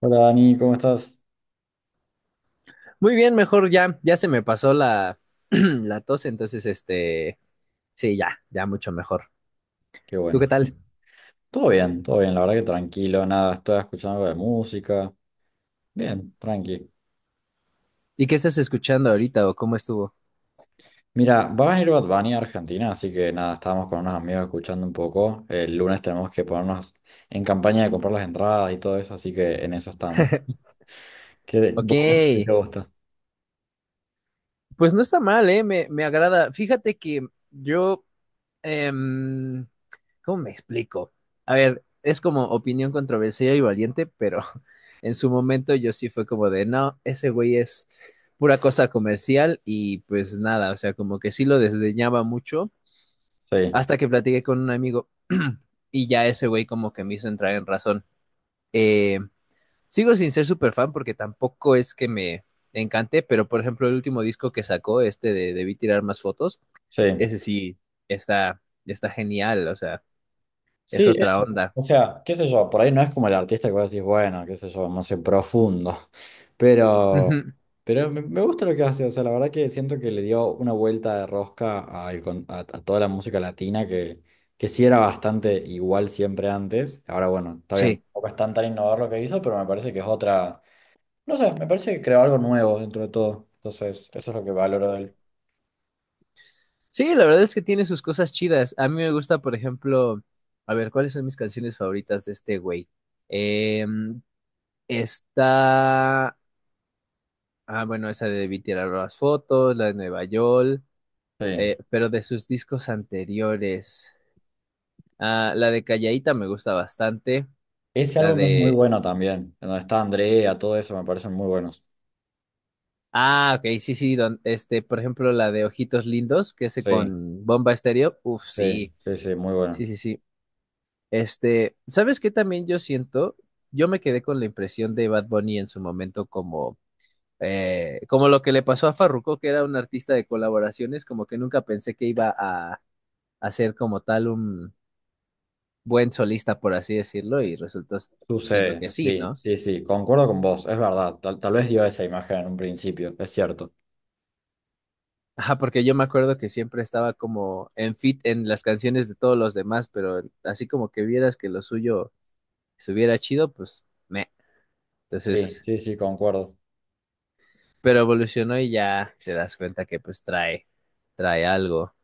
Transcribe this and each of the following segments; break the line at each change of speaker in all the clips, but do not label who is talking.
Hola Dani, ¿cómo estás?
Muy bien, mejor ya se me pasó la tos, entonces este, sí, ya mucho mejor.
Qué
¿Tú
bueno.
qué tal?
Todo bien, la verdad que tranquilo, nada, estoy escuchando algo de música. Bien, tranqui.
¿Y qué estás escuchando ahorita o cómo estuvo?
Mira, va a venir Bad Bunny a Argentina, así que nada, estábamos con unos amigos escuchando un poco. El lunes tenemos que ponernos en campaña de comprar las entradas y todo eso, así que en eso estamos. ¿Qué,
Ok,
vos qué te gusta?
pues no está mal, ¿eh? Me agrada. Fíjate que yo, em, ¿cómo me explico? A ver, es como opinión controversial y valiente, pero en su momento yo sí fue como de, no, ese güey es pura cosa comercial y pues nada, o sea, como que sí lo desdeñaba mucho
Sí,
hasta que platiqué con un amigo y ya ese güey como que me hizo entrar en razón. Eh, sigo sin ser súper fan porque tampoco es que me encante, pero por ejemplo el último disco que sacó, este de Debí Tirar Más Fotos,
sí.
ese sí está genial, o sea, es
Sí,
otra
eso.
onda.
O sea, qué sé yo, por ahí no es como el artista que vos decís, bueno, qué sé yo, no sé, profundo. Pero,
Ujú,
pero, me gusta lo que hace. O sea, la verdad que siento que le dio una vuelta de rosca al a toda la música latina que sí era bastante igual siempre antes. Ahora, bueno, está bien,
sí,
tampoco es tan tan innovador lo que hizo, pero me parece que es otra. No sé, me parece que creó algo nuevo dentro de todo. Entonces, eso es lo que valoro de él.
sí, la verdad es que tiene sus cosas chidas. A mí me gusta, por ejemplo, a ver, ¿cuáles son mis canciones favoritas de este güey? Em, está. Ah, bueno, esa de Debí Tirar las Fotos, la de Nueva York,
Sí.
pero de sus discos anteriores. Ah, la de Callaíta me gusta bastante.
Ese
La
álbum es muy
de.
bueno también. En Donde está Andrea, todo eso me parecen muy buenos.
Ah, ok, sí, sí, este, por ejemplo, la de Ojitos Lindos, que hace
Sí.
con Bomba Estéreo. Uf,
Sí,
sí,
sí, sí, muy bueno.
sí, sí, sí. Este, ¿sabes qué también yo siento? Yo me quedé con la impresión de Bad Bunny en su momento como. Como lo que le pasó a Farruko, que era un artista de colaboraciones, como que nunca pensé que iba a hacer como tal buen solista, por así decirlo, y resultó siendo
Sucede,
que sí,
sí,
¿no?
sí, sí, concuerdo con vos, es verdad, tal vez dio esa imagen en un principio, es cierto.
Ajá, porque yo me acuerdo que siempre estaba como en fit en las canciones de todos los demás, pero así como que vieras que lo suyo estuviera chido, pues me.
Sí,
Entonces,
sí, sí, concuerdo.
pero evolucionó y ya te das cuenta que pues trae algo.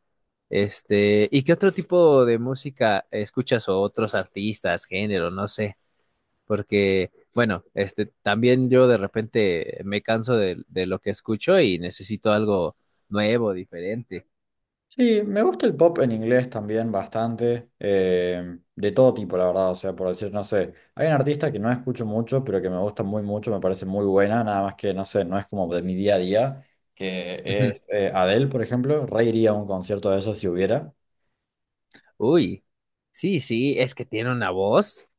Este, ¿y qué otro tipo de música escuchas o otros artistas, género, no sé? Porque, bueno, este, también yo de repente me canso de lo que escucho y necesito algo nuevo, diferente.
Sí, me gusta el pop en inglés también bastante, de todo tipo, la verdad, o sea, por decir, no sé, hay un artista que no escucho mucho, pero que me gusta muy mucho, me parece muy buena, nada más que, no sé, no es como de mi día a día, que
Ujú.
es Adele, por ejemplo, reiría a un concierto de eso si hubiera.
Uy, sí, sí, es que tiene una voz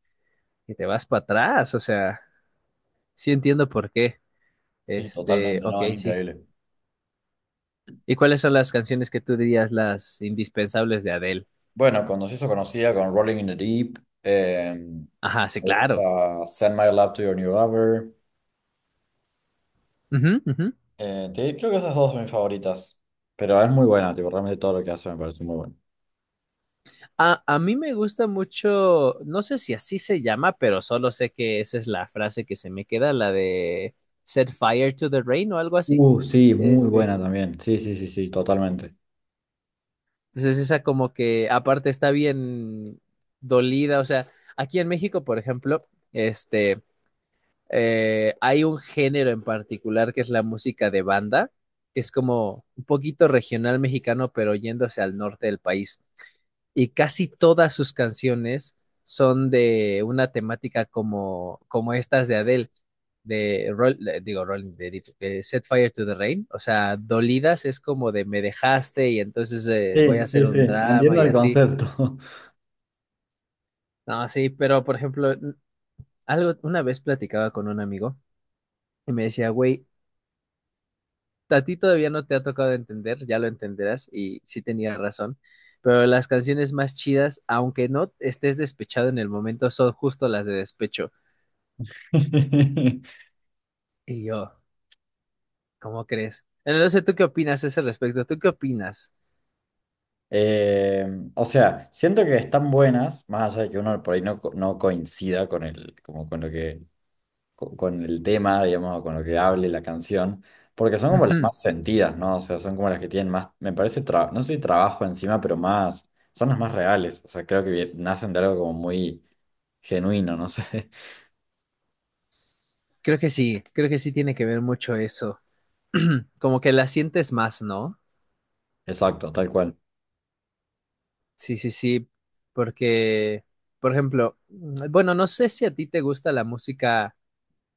que te vas para atrás, o sea, sí entiendo por qué.
Sí,
Este,
totalmente,
ok,
no, es
sí.
increíble.
¿Y cuáles son las canciones que tú dirías las indispensables de Adele?
Bueno, cuando se hizo conocida con Rolling in the Deep, me
Ajá, sí, claro.
gusta Send My Love to Your New Lover.
Ujú, ujú.
Creo que esas dos son mis favoritas. Pero es muy buena, tipo, realmente todo lo que hace me parece muy bueno.
A mí me gusta mucho, no sé si así se llama, pero solo sé que esa es la frase que se me queda, la de Set Fire to the Rain o algo así.
Sí, muy
Este,
buena también. Sí, sí, sí, sí, totalmente.
entonces esa como que aparte está bien dolida, o sea, aquí en México, por ejemplo, este, hay un género en particular que es la música de banda, que es como un poquito regional mexicano, pero yéndose al norte del país. Y casi todas sus canciones son de una temática como, como estas de Adele, de, Rolling, de Set Fire to the Rain, o sea, dolidas, es como de me dejaste y entonces voy
Sí,
a hacer
sí, sí,
un drama
entiendo
y
el
así.
concepto.
No, sí, pero por ejemplo, algo, una vez platicaba con un amigo y me decía, güey, a ti todavía no te ha tocado entender, ya lo entenderás, y sí tenía razón, pero las canciones más chidas, aunque no estés despechado en el momento, son justo las de despecho. Y yo, ¿cómo crees? Bueno, no sé, ¿tú qué opinas a ese respecto? ¿Tú qué opinas?
Eh, o sea, siento que están buenas, más allá de que uno por ahí no, no coincida con el, como con lo que con el tema, digamos, o con lo que hable la canción, porque son como las
Ujú,
más sentidas, ¿no? O sea, son como las que tienen más, me parece, no sé si trabajo encima, pero más, son las más reales, o sea, creo que nacen de algo como muy genuino, no sé,
creo que sí, creo que sí tiene que ver mucho eso. Como que la sientes más, ¿no?
exacto, tal cual.
Sí, sí, sí, porque, por ejemplo, bueno, no sé si a ti te gusta la música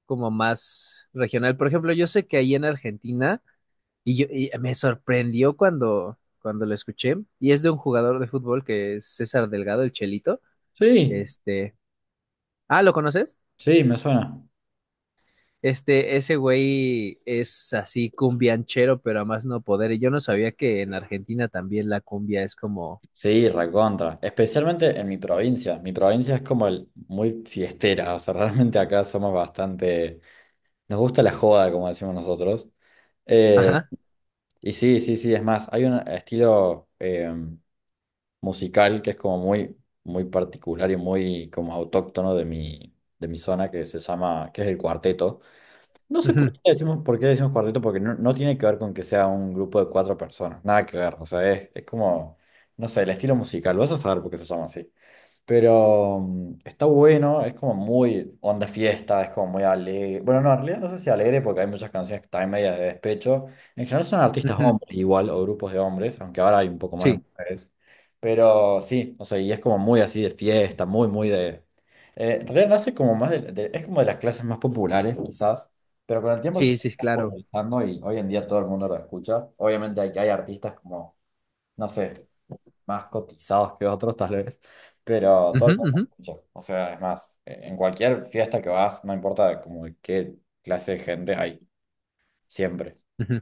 como más regional. Por ejemplo, yo sé que ahí en Argentina. Y, yo, y me sorprendió cuando lo escuché. Y es de un jugador de fútbol que es César Delgado, el Chelito.
Sí,
Este. Ah, ¿lo conoces?
sí, me suena.
Este, ese güey es así cumbianchero, pero a más no poder. Y yo no sabía que en Argentina también la cumbia es como.
Sí, recontra, especialmente en mi provincia es como muy fiestera, o sea, realmente acá somos bastante, nos gusta la joda, como decimos nosotros. Eh,
Ajá.
Y sí, sí, sí, es más, hay un estilo musical que es como muy, muy particular y muy como autóctono de mi zona que se llama, que es el cuarteto. No sé por
Ujú,
qué le decimos, por qué le decimos cuarteto, porque no tiene que ver con que sea un grupo de cuatro personas, nada que ver, o sea, es como, no sé, el estilo musical, vas a saber por qué se llama así. Pero está bueno, es como muy onda fiesta, es como muy alegre. Bueno, no, en realidad no sé si alegre porque hay muchas canciones que están medias de despecho. En general son artistas
ujú,
hombres igual o grupos de hombres, aunque ahora hay un poco más de
sí,
mujeres. Pero sí, o sea, y es como muy así de fiesta, muy, muy de en realidad nace como más es como de las clases más populares quizás, pero con el tiempo se
sí,
está
sí, claro.
popularizando y hoy en día todo el mundo lo escucha. Obviamente hay artistas como, no sé más cotizados que otros tal vez, pero todo
Ujú,
el
ujú,
mundo escucha. O sea, es más, en cualquier fiesta que vas, no importa como de qué clase de gente hay, siempre.
ujú.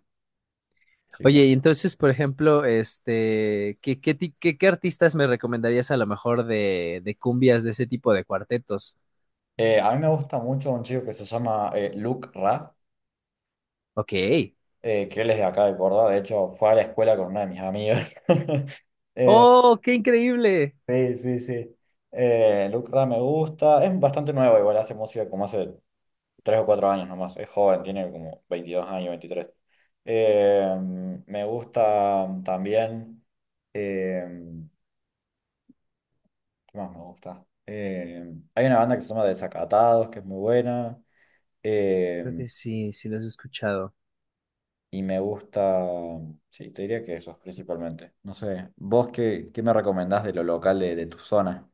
Así que,
Oye, y entonces, por ejemplo, este, ¿qué artistas me recomendarías a lo mejor de cumbias de ese tipo de cuartetos?
a mí me gusta mucho un chico que se llama Luke Ra,
Ok.
que él es de acá de Córdoba, de hecho fue a la escuela con una de mis amigas. Eh,
¡Oh, qué increíble!
sí, sí, sí. Luke Ra me gusta, es bastante nuevo, igual hace música como hace 3 o 4 años nomás, es joven, tiene como 22 años, 23. Eh, me gusta también, eh, ¿qué más me gusta? Hay una banda que se llama Desacatados, que es muy buena,
Creo
eh,
que sí, sí los he escuchado.
y me gusta, sí, te diría que esos principalmente. No sé, ¿vos qué, qué me recomendás de lo local de tu zona?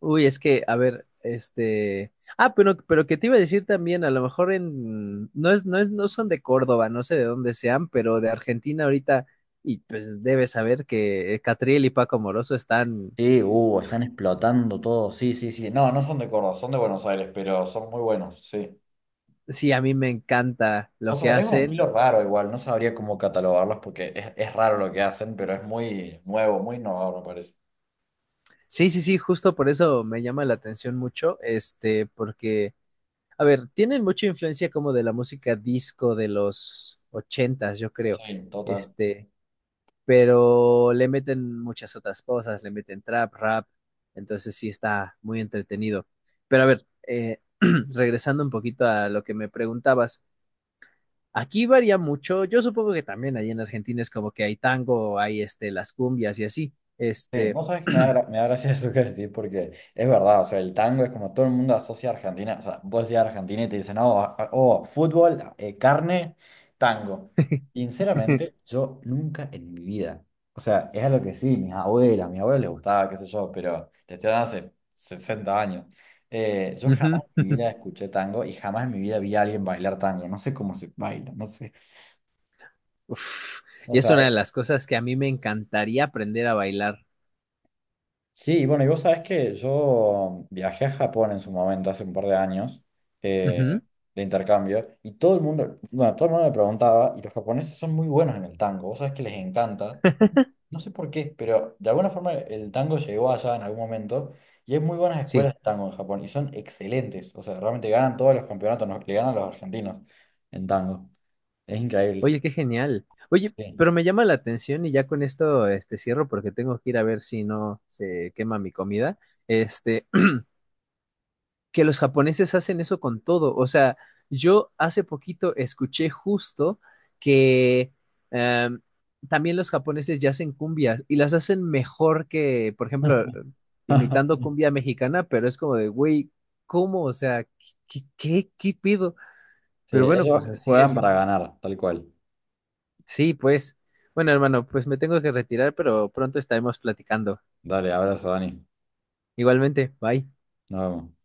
Uy, es que, a ver, este. Ah, pero que te iba a decir también, a lo mejor en. No son de Córdoba, no sé de dónde sean, pero de Argentina ahorita, y pues debes saber que Catriel y Paco Moroso están.
Sí, están explotando todo, sí, sí, sí. No, no son de Córdoba, son de Buenos Aires, pero son muy buenos, sí.
Sí, a mí me encanta
O
lo que
sea, es un
hacen.
estilo raro igual, no sabría cómo catalogarlos porque es raro lo que hacen, pero es muy nuevo, muy innovador, me parece.
Sí, sí, sí, justo por eso me llama la atención mucho, este, porque. A ver, tienen mucha influencia como de la música disco de los ochentas, yo
Sí,
creo.
total.
Este, pero le meten muchas otras cosas, le meten trap, rap, entonces sí está muy entretenido. Pero a ver, regresando un poquito a lo que me preguntabas, aquí varía mucho, yo supongo que también ahí en Argentina es como que hay tango, hay este, las cumbias y así.
Sí,
Este,
vos sabés que me da gracia eso que decís, porque es verdad, o sea, el tango es como todo el mundo asocia a Argentina, o sea, vos decís Argentina y te dicen, oh, oh, fútbol, carne, tango. Sinceramente, yo nunca en mi vida, o sea, es algo que sí, mis abuelas, a mis abuelos les gustaba, qué sé yo, pero te estoy hablando hace 60 años. Yo
ujú,
jamás en mi vida escuché tango y jamás en mi vida vi a alguien bailar tango, no sé cómo se baila, no sé.
uf,
O
y es
sea,
una de las cosas que a mí me encantaría aprender a bailar.
sí, bueno, y vos sabés que yo viajé a Japón en su momento, hace un par de años,
Ujú.
eh, de intercambio, y todo el mundo, bueno, todo el mundo me preguntaba, y los japoneses son muy buenos en el tango, vos sabés que les encanta, no sé por qué, pero de alguna forma el tango llegó allá en algún momento, y hay muy buenas
Sí,
escuelas de tango en Japón, y son excelentes, o sea, realmente ganan todos los campeonatos, le ganan a los argentinos en tango, es increíble,
oye, qué genial. Oye,
sí.
pero me llama la atención y ya con esto este, cierro porque tengo que ir a ver si no se quema mi comida. Este, que los japoneses hacen eso con todo. O sea, yo hace poquito escuché justo que em, también los japoneses ya hacen cumbias y las hacen mejor que, por ejemplo, imitando cumbia mexicana, pero es como de, güey, ¿cómo? O sea, ¿qué qué pido?
Sí,
Pero bueno,
ellos
pues así
juegan
es.
para ganar, tal cual.
Sí, pues. Bueno, hermano, pues me tengo que retirar, pero pronto estaremos platicando.
Dale, abrazo, Dani.
Igualmente, bye.
Nos vemos.